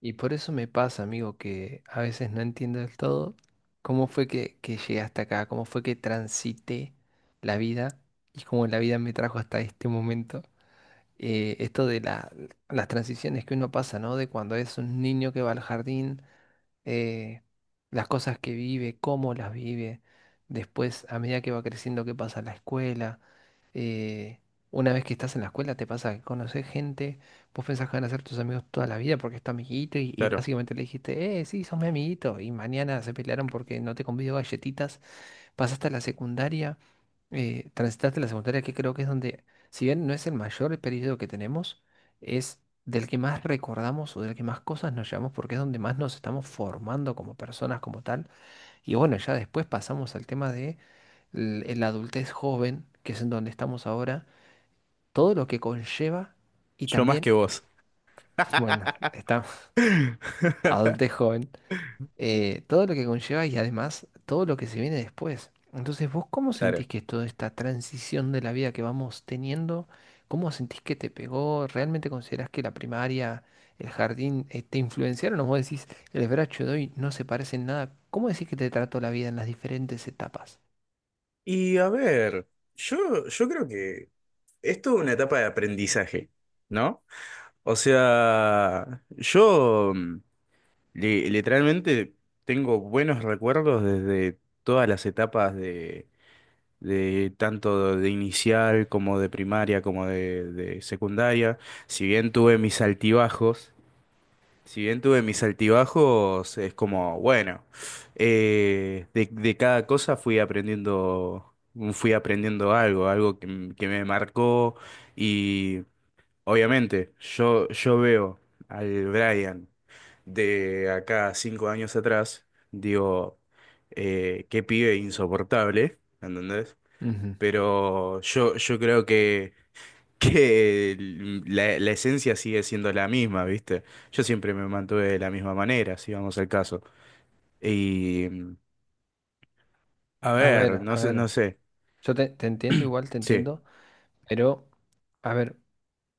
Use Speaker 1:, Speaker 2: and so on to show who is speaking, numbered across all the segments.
Speaker 1: Y por eso me pasa, amigo, que a veces no entiendo del todo cómo fue que llegué hasta acá, cómo fue que transité la vida y cómo la vida me trajo hasta este momento. Eh, esto de la- las transiciones que uno pasa, ¿no? De cuando es un niño que va al jardín, eh, las cosas que vive, cómo las vive, después a medida que va creciendo, qué pasa en la escuela. eh, una vez que estás en la escuela te pasa que conoces gente, vos pensás que van a ser tus amigos toda la vida porque es tu amiguito y
Speaker 2: Claro,
Speaker 1: básicamente le dijiste, sí, sos mi amiguito y mañana se pelearon porque no te convido galletitas, pasaste a la secundaria, transitaste la secundaria que creo que es donde, si bien no es el mayor periodo que tenemos, es del que más recordamos o del que más cosas nos llevamos porque es donde más nos estamos formando como personas, como tal. Y bueno, ya después pasamos al tema de la adultez joven, que es en donde estamos ahora, todo lo que conlleva y
Speaker 2: yo más que
Speaker 1: también,
Speaker 2: vos.
Speaker 1: bueno, está adultez joven, todo lo que conlleva y además todo lo que se viene después. Entonces, ¿vos cómo sentís
Speaker 2: Claro.
Speaker 1: que es toda esta transición de la vida que vamos teniendo? ¿Cómo sentís que te pegó? ¿Realmente considerás que la primaria, el jardín, te influenciaron? ¿O vos decís, el bracho de hoy no se parece en nada? ¿Cómo decís que te trató la vida en las diferentes etapas?
Speaker 2: Y a ver, yo creo que esto es toda una etapa de aprendizaje, ¿no? O sea, yo literalmente tengo buenos recuerdos desde todas las etapas de tanto de inicial como de primaria como de secundaria. Si bien tuve mis altibajos, Si bien tuve mis altibajos, es como, bueno, de cada cosa fui aprendiendo algo que me marcó y obviamente yo veo al Brian de acá 5 años atrás, digo, qué pibe insoportable, ¿entendés?
Speaker 1: Ujú.
Speaker 2: Pero yo creo que que la esencia sigue siendo la misma, ¿viste? Yo siempre me mantuve de la misma manera, si vamos al caso. Y, a ver, no
Speaker 1: A
Speaker 2: sé, no
Speaker 1: ver,
Speaker 2: sé.
Speaker 1: yo te entiendo, igual te
Speaker 2: Sí, es
Speaker 1: entiendo, pero a ver,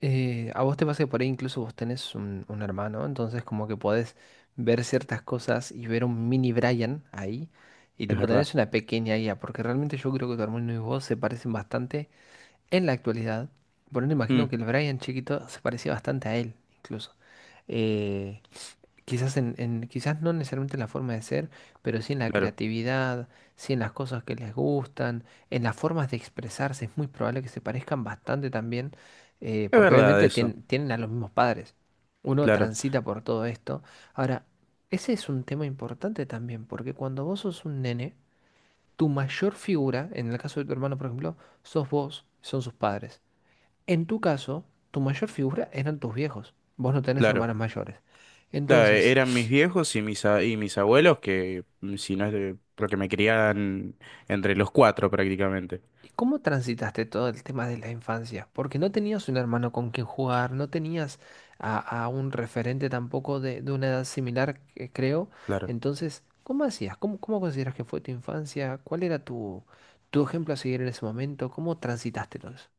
Speaker 1: a vos te pasa que por ahí incluso vos tenés un hermano, entonces como que podés ver ciertas cosas y ver un mini Brian ahí y tipo
Speaker 2: verdad.
Speaker 1: tenés una pequeña IA, porque realmente yo creo que tu hermano y vos se parecen bastante en la actualidad. Por eso imagino
Speaker 2: Mm,
Speaker 1: que el Brian chiquito se parecía bastante a él, incluso. Eh, Quizás quizás no necesariamente en la forma de ser, pero sí en la
Speaker 2: claro,
Speaker 1: creatividad, sí en las cosas que les gustan, en las formas de expresarse. Es muy probable que se parezcan bastante también,
Speaker 2: es
Speaker 1: porque
Speaker 2: verdad
Speaker 1: obviamente
Speaker 2: eso.
Speaker 1: tienen a los mismos padres. Uno
Speaker 2: Claro,
Speaker 1: transita por todo esto. Ahora, ese es un tema importante también, porque cuando vos sos un nene, tu mayor figura, en el caso de tu hermano, por ejemplo, sos vos, son sus padres. En tu caso, tu mayor figura eran tus viejos. Vos no tenés
Speaker 2: claro.
Speaker 1: hermanos mayores.
Speaker 2: Claro,
Speaker 1: Entonces,
Speaker 2: eran mis viejos y mis abuelos que, si no es porque me criaban entre los cuatro prácticamente.
Speaker 1: ¿y cómo transitaste todo el tema de la infancia? Porque no tenías un hermano con quien jugar, no tenías a, a un referente tampoco de, de una edad similar, que creo.
Speaker 2: Claro.
Speaker 1: Entonces, ¿cómo hacías? ¿Cómo, cómo consideras que fue tu infancia? ¿Cuál era tu, tu ejemplo a seguir en ese momento? ¿Cómo transitaste todo eso?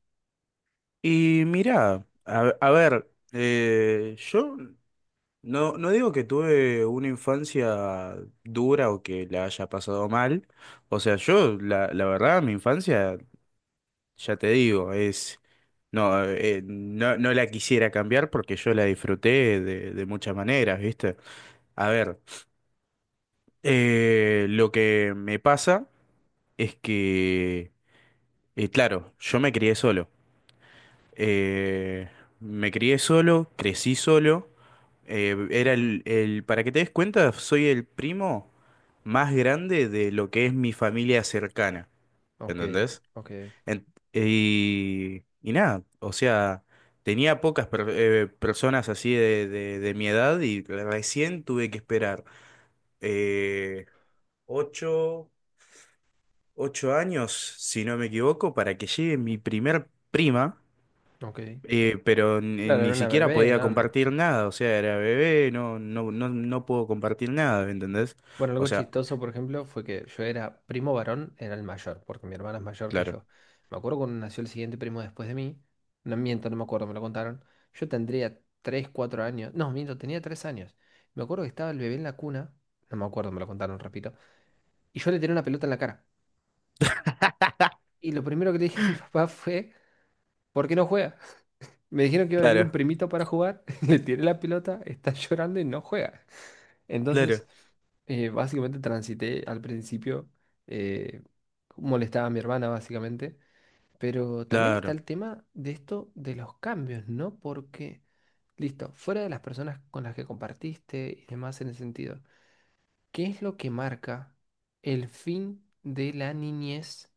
Speaker 2: Y mirá, a ver, yo no digo que tuve una infancia dura o que la haya pasado mal. O sea, la verdad, mi infancia, ya te digo, No, no la quisiera cambiar porque yo la disfruté de muchas maneras, ¿viste? A ver, lo que me pasa es que, claro, yo me crié solo. Eh, Me crié solo, crecí solo. Para que te des cuenta, soy el primo más grande de lo que es mi familia cercana,
Speaker 1: Ok,
Speaker 2: ¿entendés?
Speaker 1: ok,
Speaker 2: En- y nada, o sea, tenía pocas personas así de mi edad y recién tuve que esperar eh, ocho, ocho años, si no me equivoco, para que llegue mi primer prima.
Speaker 1: ok.
Speaker 2: Pero ni,
Speaker 1: Claro, era
Speaker 2: ni
Speaker 1: una
Speaker 2: siquiera
Speaker 1: bebé,
Speaker 2: podía
Speaker 1: ¿no?
Speaker 2: compartir nada, o sea, era bebé, no puedo compartir nada, ¿me entendés?
Speaker 1: Bueno,
Speaker 2: O
Speaker 1: algo
Speaker 2: sea,
Speaker 1: chistoso, por ejemplo, fue que yo era primo varón, era el mayor, porque mi hermana es mayor que
Speaker 2: claro,
Speaker 1: yo. Me acuerdo cuando nació el siguiente primo después de mí, no miento, no me acuerdo, me lo contaron. Yo tendría 3, 4 años, no, miento, tenía 3 años. Me acuerdo que estaba el bebé en la cuna, no me acuerdo, me lo contaron, repito, y yo le tiré una pelota en la cara. Y lo primero que le dije a mi papá fue, ¿por qué no juega? Me dijeron que iba a venir un
Speaker 2: claro,
Speaker 1: primito para jugar, le tiré la pelota, está llorando y no juega. Entonces,
Speaker 2: claro,
Speaker 1: básicamente transité al principio, eh, molestaba a mi hermana básicamente, pero también está
Speaker 2: claro,
Speaker 1: el tema de esto de los cambios, ¿no? Porque, listo, fuera de las personas con las que compartiste y demás en ese sentido. ¿Qué es lo que marca el fin de la niñez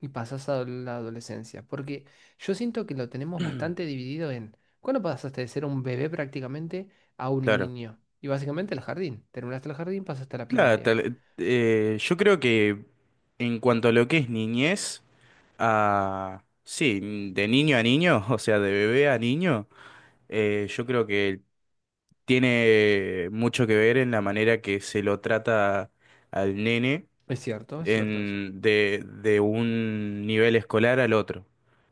Speaker 1: y pasas a la adolescencia? Porque yo siento que lo tenemos bastante dividido en cuándo pasaste de ser un bebé prácticamente a un
Speaker 2: claro,
Speaker 1: niño. Y básicamente el jardín. Terminaste el jardín, pasaste a la primaria.
Speaker 2: yo creo que en cuanto a lo que es niñez, sí, de niño a niño, o sea, de bebé a niño, yo creo que tiene mucho que ver en la manera que se lo trata al nene
Speaker 1: Es cierto eso.
Speaker 2: de un nivel escolar al otro.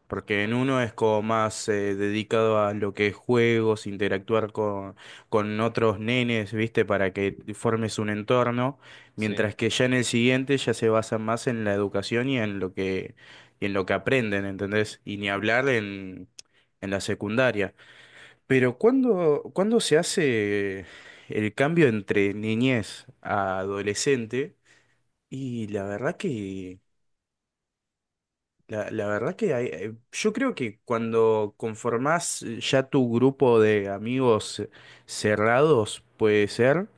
Speaker 2: Porque en uno es como más dedicado a lo que es juegos, interactuar con otros nenes, ¿viste? Para que formes un entorno,
Speaker 1: Sí,
Speaker 2: mientras que ya en el siguiente ya se basa más en la educación y en lo que aprenden, ¿entendés? Y ni hablar en, la secundaria. Pero ¿cuándo se hace el cambio entre niñez a adolescente? Y la verdad que, la verdad que hay- yo creo que cuando conformás ya tu grupo de amigos cerrados, puede ser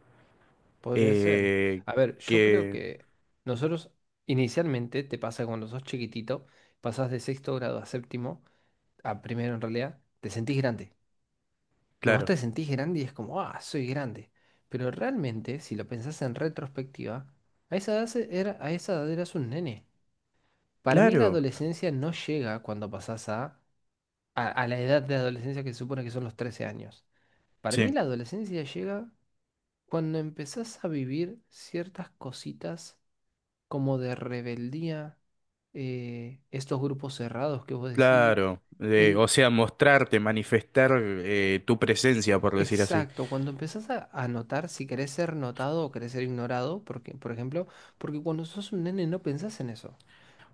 Speaker 1: podría ser.
Speaker 2: eh,
Speaker 1: A ver, yo creo
Speaker 2: que,
Speaker 1: que nosotros inicialmente te pasa cuando sos chiquitito, pasás de sexto grado a séptimo, a primero en realidad, te sentís grande. Y vos
Speaker 2: claro,
Speaker 1: te sentís grande y es como, ah, soy grande. Pero realmente, si lo pensás en retrospectiva, a esa edad, era, a esa edad eras un nene. Para mí la
Speaker 2: claro,
Speaker 1: adolescencia no llega cuando pasás a la edad de adolescencia que se supone que son los 13 años. Para mí
Speaker 2: sí,
Speaker 1: la adolescencia llega cuando empezás a vivir ciertas cositas como de rebeldía, estos grupos cerrados que vos decís,
Speaker 2: claro. eh,
Speaker 1: el,
Speaker 2: o sea, mostrarte, manifestar tu presencia, por decir así.
Speaker 1: exacto, cuando empezás a notar si querés ser notado o querés ser ignorado, porque, por ejemplo, porque cuando sos un nene no pensás en eso.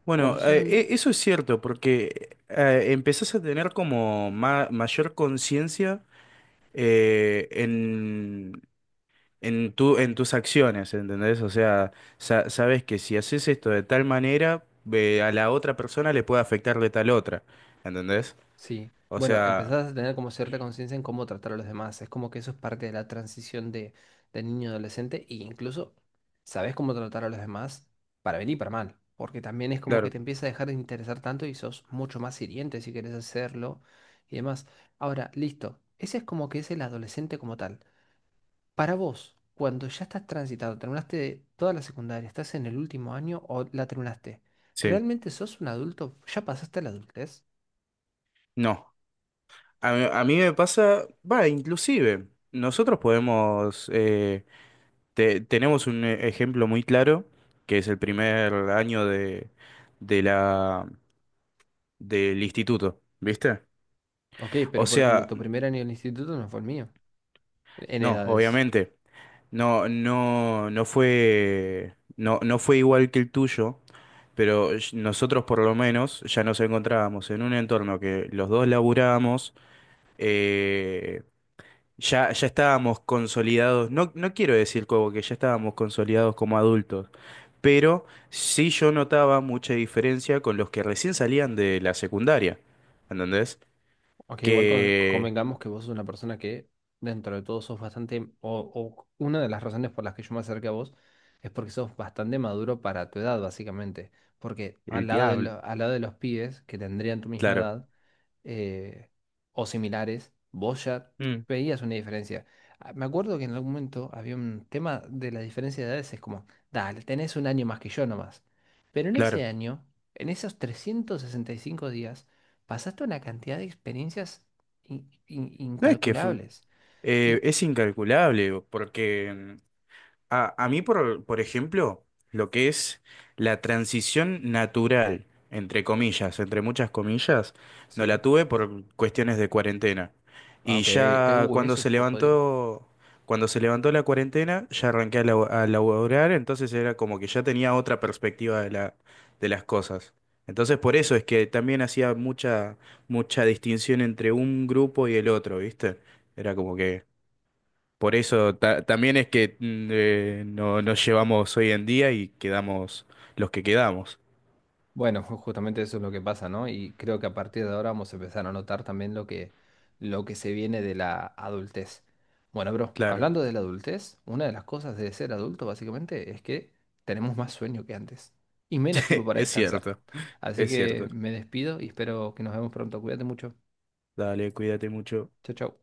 Speaker 2: Bueno,
Speaker 1: Cuando sos un nene,
Speaker 2: eso es cierto, porque empezás a tener como mayor conciencia eh, en, en tus acciones, ¿entendés? O sea, sabes que si haces esto de tal manera, a la otra persona le puede afectar de tal otra, ¿entendés?
Speaker 1: sí.
Speaker 2: O
Speaker 1: Bueno,
Speaker 2: sea,
Speaker 1: empezás a tener como cierta conciencia en cómo tratar a los demás. Es como que eso es parte de la transición de niño a adolescente e incluso sabés cómo tratar a los demás para bien y para mal. Porque también es como que
Speaker 2: claro,
Speaker 1: te empieza a dejar de interesar tanto y sos mucho más hiriente si querés hacerlo y demás. Ahora, listo. Ese es como que es el adolescente como tal. Para vos, cuando ya estás transitado, terminaste toda la secundaria, estás en el último año o la terminaste,
Speaker 2: sí,
Speaker 1: ¿realmente sos un adulto? ¿Ya pasaste la adultez?
Speaker 2: no. A mí me pasa, va, inclusive, nosotros podemos, tenemos un ejemplo muy claro, que es el primer año de la, del instituto, ¿viste?
Speaker 1: Ok,
Speaker 2: O
Speaker 1: pero por ejemplo,
Speaker 2: sea,
Speaker 1: tu primer año en el instituto no fue el mío, en
Speaker 2: no,
Speaker 1: edades.
Speaker 2: obviamente. No fue igual que el tuyo, pero nosotros por lo menos ya nos encontrábamos en un entorno que los dos laburábamos, eh, ya estábamos consolidados, no quiero decir como que ya estábamos consolidados como adultos, pero sí yo notaba mucha diferencia con los que recién salían de la secundaria, ¿entendés?
Speaker 1: Aunque igual
Speaker 2: Que
Speaker 1: convengamos que vos sos una persona que dentro de todo sos bastante, o una de las razones por las que yo me acerqué a vos es porque sos bastante maduro para tu edad, básicamente. Porque al
Speaker 2: el
Speaker 1: lado de,
Speaker 2: diablo,
Speaker 1: al lado de los pibes que tendrían tu misma
Speaker 2: claro,
Speaker 1: edad, eh, o similares, vos ya
Speaker 2: mm,
Speaker 1: veías una diferencia. Ah, me acuerdo que en algún momento había un tema de la diferencia de edades, es como, dale, tenés un año más que yo nomás. Pero en ese
Speaker 2: claro.
Speaker 1: año, en esos 365 días, pasaste una cantidad de experiencias
Speaker 2: No es que fu-
Speaker 1: incalculables. Y
Speaker 2: Es incalculable, porque a mí, por ejemplo, lo que es la transición natural, entre comillas, entre muchas comillas, no
Speaker 1: sí.
Speaker 2: la tuve por cuestiones de cuarentena.
Speaker 1: Ah,
Speaker 2: Y
Speaker 1: ok.
Speaker 2: ya cuando
Speaker 1: Eso
Speaker 2: se
Speaker 1: fue jodido.
Speaker 2: levantó, cuando se levantó la cuarentena, ya arranqué a laborar, entonces era como que ya tenía otra perspectiva de las cosas. Entonces por eso es que también hacía mucha, mucha distinción entre un grupo y el otro, ¿viste? Era como que por eso también es que no nos llevamos hoy en día y quedamos los que quedamos.
Speaker 1: Bueno, justamente eso es lo que pasa, ¿no? Y creo que a partir de ahora vamos a empezar a notar también lo que se viene de la adultez. Bueno, bro,
Speaker 2: Claro,
Speaker 1: hablando de la adultez, una de las cosas de ser adulto básicamente es que tenemos más sueño que antes y menos tiempo para
Speaker 2: es
Speaker 1: descansar.
Speaker 2: cierto,
Speaker 1: Así
Speaker 2: es
Speaker 1: que
Speaker 2: cierto.
Speaker 1: me despido y espero que nos vemos pronto. Cuídate mucho.
Speaker 2: Dale, cuídate mucho.
Speaker 1: Chao, chao.